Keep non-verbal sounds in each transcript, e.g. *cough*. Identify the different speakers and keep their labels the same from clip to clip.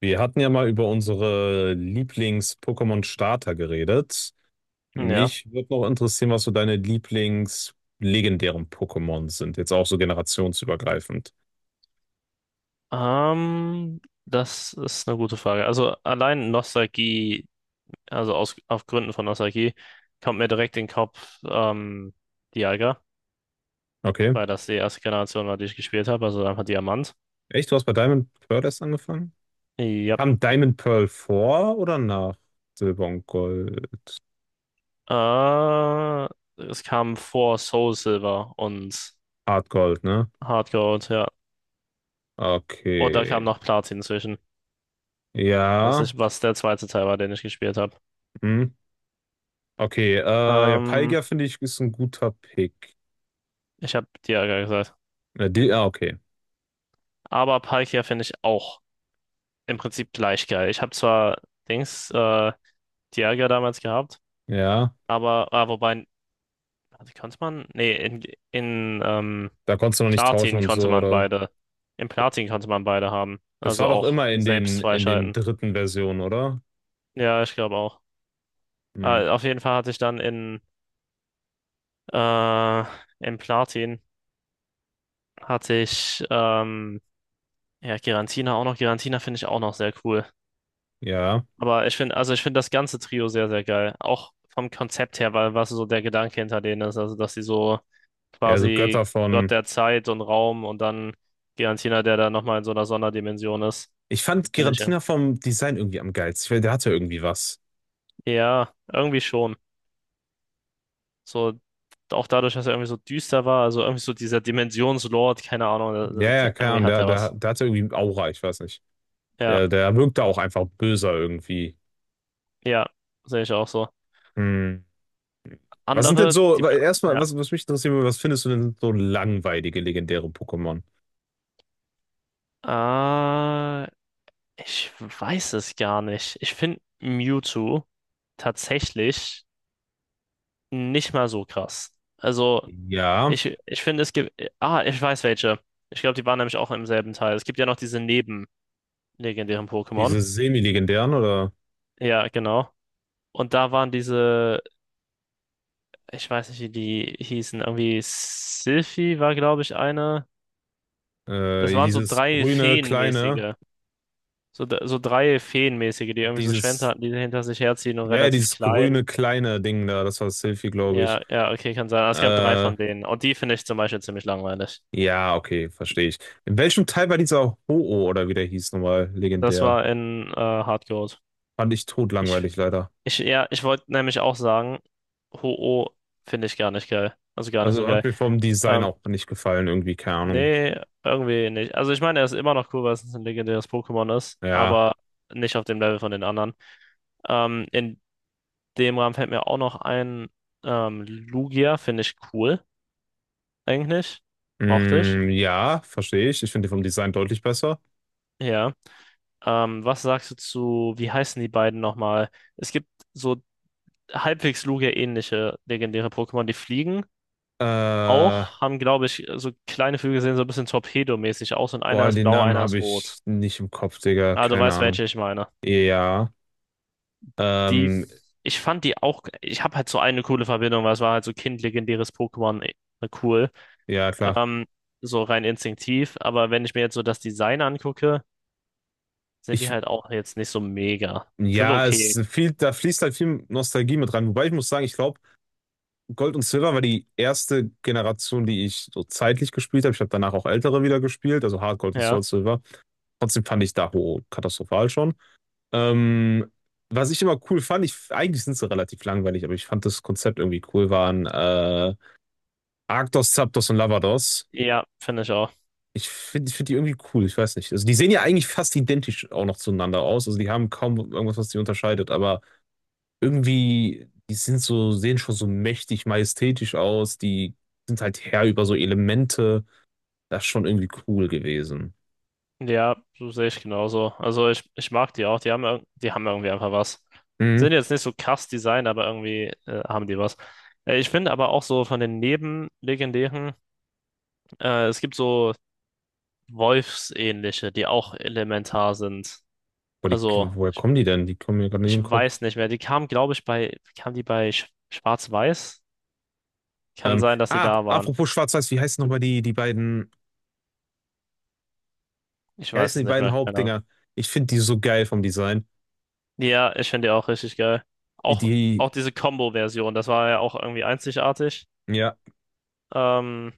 Speaker 1: Wir hatten ja mal über unsere Lieblings-Pokémon-Starter geredet.
Speaker 2: Ja.
Speaker 1: Mich würde noch interessieren, was so deine Lieblings-legendären Pokémon sind. Jetzt auch so generationsübergreifend.
Speaker 2: Das ist eine gute Frage. Also allein Nostalgie, auf Gründen von Nostalgie, kommt mir direkt in den Kopf Dialga,
Speaker 1: Okay.
Speaker 2: weil das die erste Generation war, die ich gespielt habe, also einfach Diamant.
Speaker 1: Echt? Du hast bei Diamond Pearl erst angefangen?
Speaker 2: Ja.
Speaker 1: Kam Diamond Pearl vor oder nach Silber und Gold?
Speaker 2: Äh, Es kam vor Soul Silver und
Speaker 1: Hard Gold, ne?
Speaker 2: Hard Gold, ja. Und da kam
Speaker 1: Okay.
Speaker 2: noch Platin zwischen,
Speaker 1: Ja.
Speaker 2: was der zweite Teil war, den ich gespielt habe.
Speaker 1: Hm. Okay. Ja,
Speaker 2: Ähm,
Speaker 1: Palkia finde ich ist ein guter Pick.
Speaker 2: Ich habe Dialga gesagt.
Speaker 1: Ah, okay.
Speaker 2: Aber Palkia finde ich auch im Prinzip gleich geil. Ich habe zwar Dings, äh, Dialga damals gehabt,
Speaker 1: Ja.
Speaker 2: aber, wobei, warte, konnte man? Nee, in
Speaker 1: Da konntest du noch nicht tauschen
Speaker 2: Platin
Speaker 1: und
Speaker 2: konnte
Speaker 1: so,
Speaker 2: man
Speaker 1: oder?
Speaker 2: beide. Im Platin konnte man beide haben.
Speaker 1: Das war
Speaker 2: Also
Speaker 1: doch
Speaker 2: auch
Speaker 1: immer in den,
Speaker 2: selbst
Speaker 1: in den
Speaker 2: freischalten.
Speaker 1: dritten Versionen, oder?
Speaker 2: Ja, ich glaube auch.
Speaker 1: Hm,
Speaker 2: Ah, auf jeden Fall hatte ich dann äh, im Platin hatte ich ja, Giratina auch noch. Giratina finde ich auch noch sehr cool.
Speaker 1: ja.
Speaker 2: Aber ich finde, also ich finde das ganze Trio sehr, sehr geil. Auch vom Konzept her, weil was so der Gedanke hinter denen ist, also dass sie so
Speaker 1: Ja, also Götter
Speaker 2: quasi Gott
Speaker 1: von.
Speaker 2: der Zeit und Raum und dann Giantina, der da nochmal in so einer Sonderdimension ist,
Speaker 1: Ich fand
Speaker 2: finde ich. Ja,
Speaker 1: Giratina vom Design irgendwie am geilsten. Ich weiß, der hatte irgendwie was.
Speaker 2: ja, irgendwie schon. So, auch dadurch, dass er irgendwie so düster war, also irgendwie so dieser Dimensionslord, keine Ahnung,
Speaker 1: Ja, ja, keine
Speaker 2: irgendwie
Speaker 1: Ahnung.
Speaker 2: hat
Speaker 1: Der,
Speaker 2: er
Speaker 1: der,
Speaker 2: was.
Speaker 1: der hatte irgendwie Aura, ich weiß nicht.
Speaker 2: Ja,
Speaker 1: Der wirkte auch einfach böser irgendwie.
Speaker 2: ja, sehe ich auch so.
Speaker 1: Hm. Was sind denn
Speaker 2: Andere,
Speaker 1: so,
Speaker 2: die
Speaker 1: weil erstmal,
Speaker 2: mir,
Speaker 1: was, was mich interessieren würde, was findest du denn so langweilige, legendäre Pokémon?
Speaker 2: ja. Ich weiß es gar nicht. Ich finde Mewtwo tatsächlich nicht mal so krass. Also,
Speaker 1: Ja,
Speaker 2: ich finde, es gibt. Ah, ich weiß welche. Ich glaube, die waren nämlich auch im selben Teil. Es gibt ja noch diese nebenlegendären Pokémon.
Speaker 1: diese semi-legendären oder
Speaker 2: Ja, genau. Und da waren diese, ich weiß nicht, wie die hießen, irgendwie Sylphie war, glaube ich, eine. Das waren so
Speaker 1: dieses
Speaker 2: drei
Speaker 1: grüne, kleine,
Speaker 2: Feenmäßige. So, so drei Feenmäßige, die irgendwie so Schwänze
Speaker 1: dieses
Speaker 2: hatten, die hinter sich herziehen und
Speaker 1: Ja, ja,
Speaker 2: relativ
Speaker 1: dieses
Speaker 2: klein.
Speaker 1: grüne kleine Ding da, das war Sylphie, glaube ich.
Speaker 2: Ja, ja, okay, kann sein. Es gab drei
Speaker 1: Äh,
Speaker 2: von denen. Und die finde ich zum Beispiel ziemlich langweilig.
Speaker 1: ja, okay, verstehe ich. In welchem Teil war dieser Ho-Oh oder wie der hieß nochmal
Speaker 2: Das
Speaker 1: legendär?
Speaker 2: war in Hard Gold.
Speaker 1: Fand ich
Speaker 2: Ich,
Speaker 1: totlangweilig leider.
Speaker 2: ich, ja, ich wollte nämlich auch sagen, Ho-Oh finde ich gar nicht geil. Also gar nicht so
Speaker 1: Also hat
Speaker 2: geil.
Speaker 1: mir vom Design
Speaker 2: Ähm,
Speaker 1: auch nicht gefallen, irgendwie, keine Ahnung.
Speaker 2: nee, irgendwie nicht. Also ich meine, er ist immer noch cool, weil es ein legendäres Pokémon ist,
Speaker 1: Ja,
Speaker 2: aber nicht auf dem Level von den anderen. In dem Rahmen fällt mir auch noch ein Lugia, finde ich cool, eigentlich. Mochte ich.
Speaker 1: mm, ja, verstehe ich. Ich finde den vom Design deutlich besser.
Speaker 2: Ja. Was sagst du zu, wie heißen die beiden nochmal? Es gibt so halbwegs Lugia-ähnliche legendäre Pokémon, die fliegen
Speaker 1: Äh,
Speaker 2: auch, haben, glaube ich, so kleine Flügel sehen so ein bisschen Torpedo-mäßig aus und einer
Speaker 1: Boah,
Speaker 2: ist
Speaker 1: den
Speaker 2: blau,
Speaker 1: Namen
Speaker 2: einer ist
Speaker 1: habe ich
Speaker 2: rot.
Speaker 1: nicht im Kopf, Digga,
Speaker 2: Ah, du
Speaker 1: keine
Speaker 2: weißt,
Speaker 1: Ahnung.
Speaker 2: welche ich meine.
Speaker 1: Ja,
Speaker 2: Die,
Speaker 1: ähm,
Speaker 2: ich fand die auch, ich habe halt so eine coole Verbindung, weil es war halt so kindlegendäres Pokémon cool.
Speaker 1: ja, klar.
Speaker 2: Ähm, so rein instinktiv, aber wenn ich mir jetzt so das Design angucke, sind die
Speaker 1: Ich,
Speaker 2: halt auch jetzt nicht so mega. Sind
Speaker 1: ja, es
Speaker 2: okay,
Speaker 1: ist viel, da fließt halt viel Nostalgie mit rein. Wobei ich muss sagen, ich glaube, Gold und Silver war die erste Generation, die ich so zeitlich gespielt habe. Ich habe danach auch ältere wieder gespielt, also Hard Gold und
Speaker 2: ja.
Speaker 1: Soul Silver. Trotzdem fand ich Daho katastrophal schon. Ähm, was ich immer cool fand, ich, eigentlich sind sie relativ langweilig, aber ich fand das Konzept irgendwie cool, waren Arctos, Zapdos und Lavados.
Speaker 2: Ja, finde ich auch.
Speaker 1: Ich find die irgendwie cool, ich weiß nicht. Also die sehen ja eigentlich fast identisch auch noch zueinander aus. Also die haben kaum irgendwas, was die unterscheidet, aber irgendwie, die sind so, sehen schon so mächtig majestätisch aus, die sind halt Herr über so Elemente. Das ist schon irgendwie cool gewesen.
Speaker 2: Ja, so sehe ich genauso. Also ich mag die auch. Die haben, die haben irgendwie einfach was.
Speaker 1: Mhm.
Speaker 2: Sind jetzt nicht so krass Design, aber irgendwie haben die was. Ich finde aber auch so von den Nebenlegendären, es gibt so Wolfsähnliche, die auch elementar sind.
Speaker 1: Wo die,
Speaker 2: Also
Speaker 1: woher
Speaker 2: ich,
Speaker 1: kommen die denn? Die kommen mir gerade nicht in den
Speaker 2: ich
Speaker 1: Kopf.
Speaker 2: weiß nicht mehr. Die kamen, glaube ich, kamen die bei Schwarz-Weiß? Kann sein, dass die
Speaker 1: Ah,
Speaker 2: da waren.
Speaker 1: apropos Schwarz-Weiß, wie heißen nochmal die beiden,
Speaker 2: Ich
Speaker 1: wie
Speaker 2: weiß
Speaker 1: heißen
Speaker 2: es
Speaker 1: die
Speaker 2: nicht
Speaker 1: beiden
Speaker 2: mehr. Keine Ahnung.
Speaker 1: Hauptdinger? Ich finde die so geil vom Design.
Speaker 2: Ja, ich finde die auch richtig geil. Auch,
Speaker 1: Die,
Speaker 2: auch diese Combo-Version, das war ja auch irgendwie einzigartig.
Speaker 1: ja.
Speaker 2: Ähm,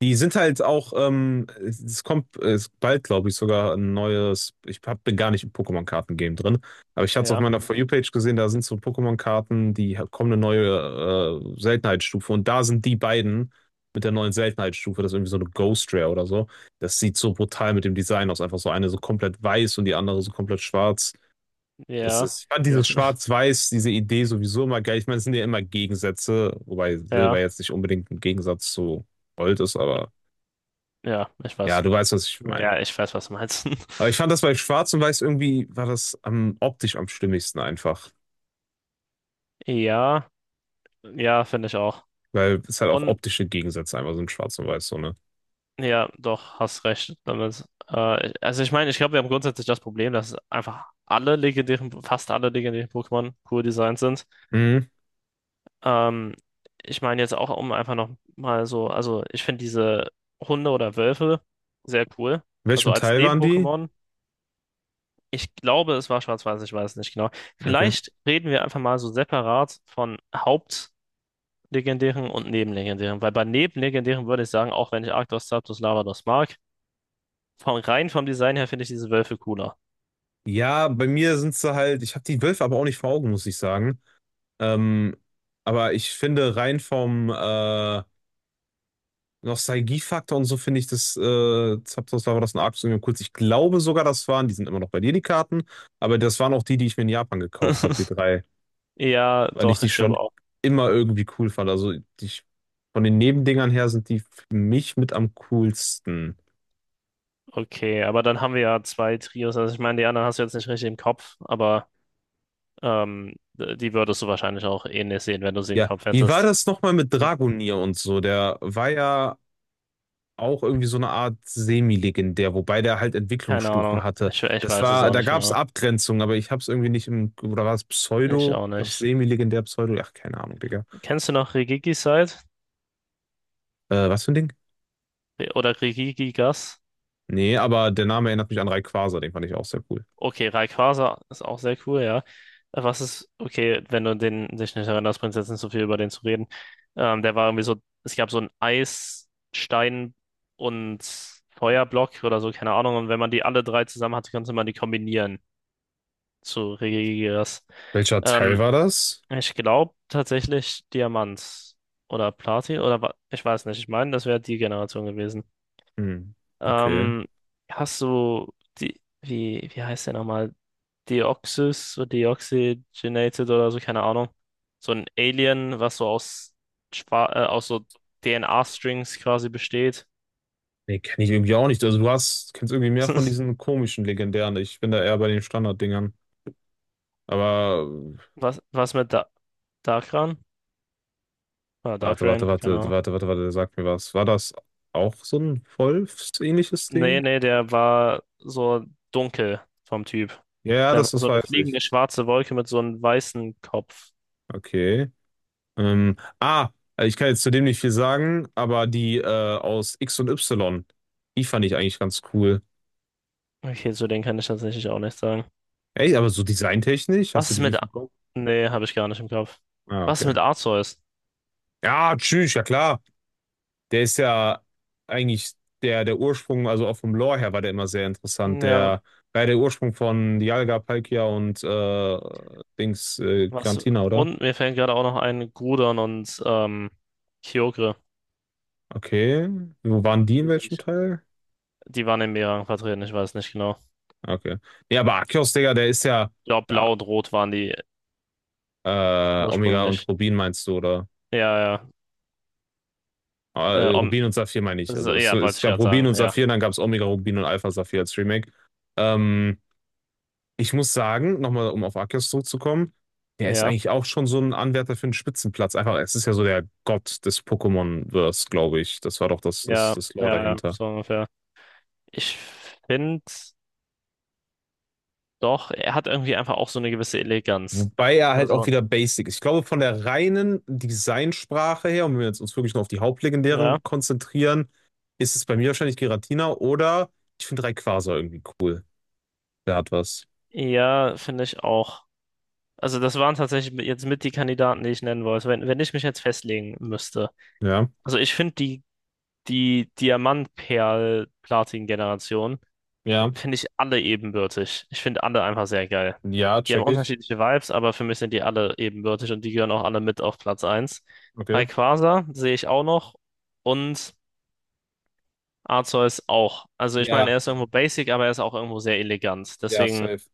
Speaker 1: Die sind halt auch, es kommt es bald, glaube ich, sogar ein neues. Ich hab, bin gar nicht im Pokémon-Karten-Game drin, aber ich hatte es auf
Speaker 2: Ja
Speaker 1: meiner For You-Page gesehen, da sind so Pokémon-Karten, die ha- kommen eine neue Seltenheitsstufe und da sind die beiden mit der neuen Seltenheitsstufe, das ist irgendwie so eine Ghost Rare oder so. Das sieht so brutal mit dem Design aus, einfach so eine so komplett weiß und die andere so komplett schwarz. Das
Speaker 2: ja,
Speaker 1: ist, ich fand
Speaker 2: okay.
Speaker 1: dieses Schwarz-Weiß, diese Idee sowieso immer geil. Ich meine, es sind ja immer Gegensätze, wobei Silber
Speaker 2: Ja,
Speaker 1: jetzt nicht unbedingt ein Gegensatz zu Gold ist, aber.
Speaker 2: ja, ich
Speaker 1: Ja,
Speaker 2: weiß.
Speaker 1: du weißt, was ich meine.
Speaker 2: Ja, ich weiß, was du meinst.
Speaker 1: Aber ich fand
Speaker 2: *laughs*
Speaker 1: das bei Schwarz und Weiß irgendwie war das am optisch am stimmigsten einfach.
Speaker 2: Ja, ja, finde ich auch.
Speaker 1: Weil es halt auch
Speaker 2: Und
Speaker 1: optische Gegensätze einfach sind, Schwarz und Weiß, so, ne?
Speaker 2: ja, doch, hast recht damit. Also ich meine, ich glaube, wir haben grundsätzlich das Problem, dass einfach alle legendären, fast alle legendären Pokémon cool designt sind.
Speaker 1: Mhm.
Speaker 2: Ähm, ich meine jetzt auch, um einfach noch mal so, also ich finde diese Hunde oder Wölfe sehr cool.
Speaker 1: In
Speaker 2: Also
Speaker 1: welchem
Speaker 2: als
Speaker 1: Teil waren die?
Speaker 2: Neben-Pokémon. Ich glaube, es war schwarz-weiß, ich weiß nicht genau.
Speaker 1: Okay.
Speaker 2: Vielleicht reden wir einfach mal so separat von Hauptlegendären und Nebenlegendären, weil bei Nebenlegendären würde ich sagen, auch wenn ich Arctos, Zapdos, Lavados mag, von rein vom Design her finde ich diese Wölfe cooler.
Speaker 1: Ja, bei mir sind sie halt, ich habe die Wölfe aber auch nicht vor Augen, muss ich sagen. Ähm, aber ich finde rein vom Nostalgiefaktor und so finde ich das, Zapdos war das ein Arc Union kurz. Ich glaube sogar, das waren, die sind immer noch bei dir, die Karten, aber das waren auch die, die ich mir in Japan gekauft habe, die
Speaker 2: *laughs*
Speaker 1: drei.
Speaker 2: Ja,
Speaker 1: Weil ich
Speaker 2: doch,
Speaker 1: die
Speaker 2: ich
Speaker 1: schon
Speaker 2: glaube auch.
Speaker 1: immer irgendwie cool fand. Also die, von den Nebendingern her sind die für mich mit am coolsten.
Speaker 2: Okay, aber dann haben wir ja zwei Trios. Also ich meine, die anderen hast du jetzt nicht richtig im Kopf, aber die würdest du wahrscheinlich auch ähnlich sehen, wenn du sie im
Speaker 1: Ja,
Speaker 2: Kopf
Speaker 1: wie war
Speaker 2: hättest.
Speaker 1: das nochmal mit
Speaker 2: Hm.
Speaker 1: Dragonier und so? Der war ja auch irgendwie so eine Art semi-legendär, wobei der halt
Speaker 2: Keine
Speaker 1: Entwicklungsstufen
Speaker 2: Ahnung.
Speaker 1: hatte.
Speaker 2: Ich
Speaker 1: Das
Speaker 2: weiß es
Speaker 1: war,
Speaker 2: auch
Speaker 1: da
Speaker 2: nicht
Speaker 1: gab es
Speaker 2: genau.
Speaker 1: Abgrenzungen, aber ich hab's irgendwie nicht im, oder war es
Speaker 2: Ich
Speaker 1: Pseudo?
Speaker 2: auch
Speaker 1: Gab es
Speaker 2: nicht.
Speaker 1: semi-legendär Pseudo? Ach, keine Ahnung, Digga.
Speaker 2: Kennst du noch Rigigi Side?
Speaker 1: Was für ein Ding?
Speaker 2: Oder Rigigi Gas?
Speaker 1: Nee, aber der Name erinnert mich an Rayquaza, den fand ich auch sehr cool.
Speaker 2: Okay, Rayquaza ist auch sehr cool, ja. Was ist, okay, wenn du dich nicht erinnerst, bringt es jetzt nicht so viel über den zu reden. Der war irgendwie so, es gab so einen Eisstein und Feuerblock oder so, keine Ahnung. Und wenn man die alle drei zusammen hatte, konnte man die kombinieren zu Regigigas.
Speaker 1: Welcher Teil
Speaker 2: Ähm,
Speaker 1: war das?
Speaker 2: ich glaube tatsächlich Diamant oder Platin oder ich weiß nicht. Ich meine, das wäre die Generation gewesen.
Speaker 1: Hm, okay.
Speaker 2: Ähm, Hast du die, wie heißt der nochmal? Deoxys oder Deoxygenated oder so, keine Ahnung. So ein Alien, was so aus so DNA-Strings quasi besteht.
Speaker 1: Nee, kenne ich irgendwie auch nicht. Also du hast, kennst irgendwie mehr von
Speaker 2: *laughs*
Speaker 1: diesen komischen legendären. Ich bin da eher bei den Standarddingern. Aber äh,
Speaker 2: Was mit da Darkran? Ah,
Speaker 1: warte, warte,
Speaker 2: Darkran, keine
Speaker 1: warte,
Speaker 2: Ahnung.
Speaker 1: warte, warte, warte, sag mir was. War das auch so ein Wolfsähnliches
Speaker 2: Nee,
Speaker 1: Ding?
Speaker 2: nee, der war so dunkel vom Typ.
Speaker 1: Ja, ja,
Speaker 2: Der
Speaker 1: das,
Speaker 2: war
Speaker 1: das
Speaker 2: so eine
Speaker 1: weiß ich.
Speaker 2: fliegende schwarze Wolke mit so einem weißen Kopf.
Speaker 1: Okay. Ah, also ich kann jetzt zu dem nicht viel sagen, aber die aus X und Y, die fand ich eigentlich ganz cool.
Speaker 2: Okay, zu denen kann ich tatsächlich auch nichts sagen.
Speaker 1: Ey, aber so designtechnisch, hast
Speaker 2: Was
Speaker 1: du
Speaker 2: ist
Speaker 1: die
Speaker 2: mit...
Speaker 1: nicht
Speaker 2: A
Speaker 1: bekommen?
Speaker 2: nee, habe ich gar nicht im Kopf.
Speaker 1: Ah,
Speaker 2: Was ist
Speaker 1: okay.
Speaker 2: mit Arceus?
Speaker 1: Ja, tschüss, ja klar. Der ist ja eigentlich der, der Ursprung, also auch vom Lore her war der immer sehr interessant.
Speaker 2: Ja,
Speaker 1: Der war ja der Ursprung von Dialga, Palkia und Dings
Speaker 2: was?
Speaker 1: Giratina, oder?
Speaker 2: Und mir fällt gerade auch noch ein, Gudon und Kyogre.
Speaker 1: Okay. Wo waren die in
Speaker 2: Die finde
Speaker 1: welchem
Speaker 2: ich-
Speaker 1: Teil?
Speaker 2: Die waren in mehreren vertreten, ich weiß nicht genau.
Speaker 1: Okay. Ja, aber Arceus, Digga, der ist ja,
Speaker 2: Ja,
Speaker 1: ja
Speaker 2: blau und rot waren die
Speaker 1: Omega und
Speaker 2: ursprünglich.
Speaker 1: Rubin meinst du, oder?
Speaker 2: Ja, ja.
Speaker 1: Ah,
Speaker 2: Äh,
Speaker 1: Äh,
Speaker 2: Om
Speaker 1: Rubin und Saphir meine ich.
Speaker 2: so,
Speaker 1: Also es,
Speaker 2: ja, wollte
Speaker 1: es
Speaker 2: ich
Speaker 1: gab
Speaker 2: gerade
Speaker 1: Rubin und
Speaker 2: sagen. Ja.
Speaker 1: Saphir, dann gab es Omega, Rubin und Alpha Saphir als Remake. Ähm, Ich muss sagen, nochmal, um auf Arceus zurückzukommen, der ist
Speaker 2: Ja,
Speaker 1: eigentlich auch schon so ein Anwärter für einen Spitzenplatz. Einfach, es ist ja so der Gott des Pokémon-Verse, glaube ich. Das war doch das, das,
Speaker 2: ja,
Speaker 1: das Lore
Speaker 2: ja, ja,
Speaker 1: dahinter.
Speaker 2: so ungefähr. Ich finde doch, er hat irgendwie einfach auch so eine gewisse Eleganz.
Speaker 1: Wobei er halt auch
Speaker 2: Also,
Speaker 1: wieder basic ist. Ich glaube, von der reinen Designsprache her, und wenn wir jetzt uns wirklich nur auf die
Speaker 2: ja.
Speaker 1: Hauptlegendären konzentrieren, ist es bei mir wahrscheinlich Giratina oder ich finde Rayquaza irgendwie cool. Der hat was.
Speaker 2: Ja, finde ich auch. Also, das waren tatsächlich jetzt mit die Kandidaten, die ich nennen wollte, wenn ich mich jetzt festlegen müsste.
Speaker 1: Ja,
Speaker 2: Also, ich finde die Diamant-Perl-Platin-Generation
Speaker 1: ja,
Speaker 2: finde ich alle ebenbürtig. Ich finde alle einfach sehr geil.
Speaker 1: ja,
Speaker 2: Die haben
Speaker 1: check ich.
Speaker 2: unterschiedliche Vibes, aber für mich sind die alle ebenbürtig und die gehören auch alle mit auf Platz 1.
Speaker 1: Okay.
Speaker 2: Rayquaza sehe ich auch noch und Arceus auch. Also ich meine,
Speaker 1: Ja,
Speaker 2: er ist irgendwo basic, aber er ist auch irgendwo sehr elegant.
Speaker 1: ja,
Speaker 2: Deswegen
Speaker 1: safe.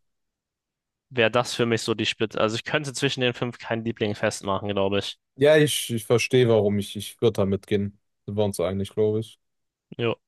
Speaker 2: wäre das für mich so die Spitze. Also ich könnte zwischen den fünf keinen Liebling festmachen, glaube ich.
Speaker 1: Ja, ich verstehe, warum ich würde da mitgehen. Sind wir uns eigentlich, glaube ich.
Speaker 2: Jo.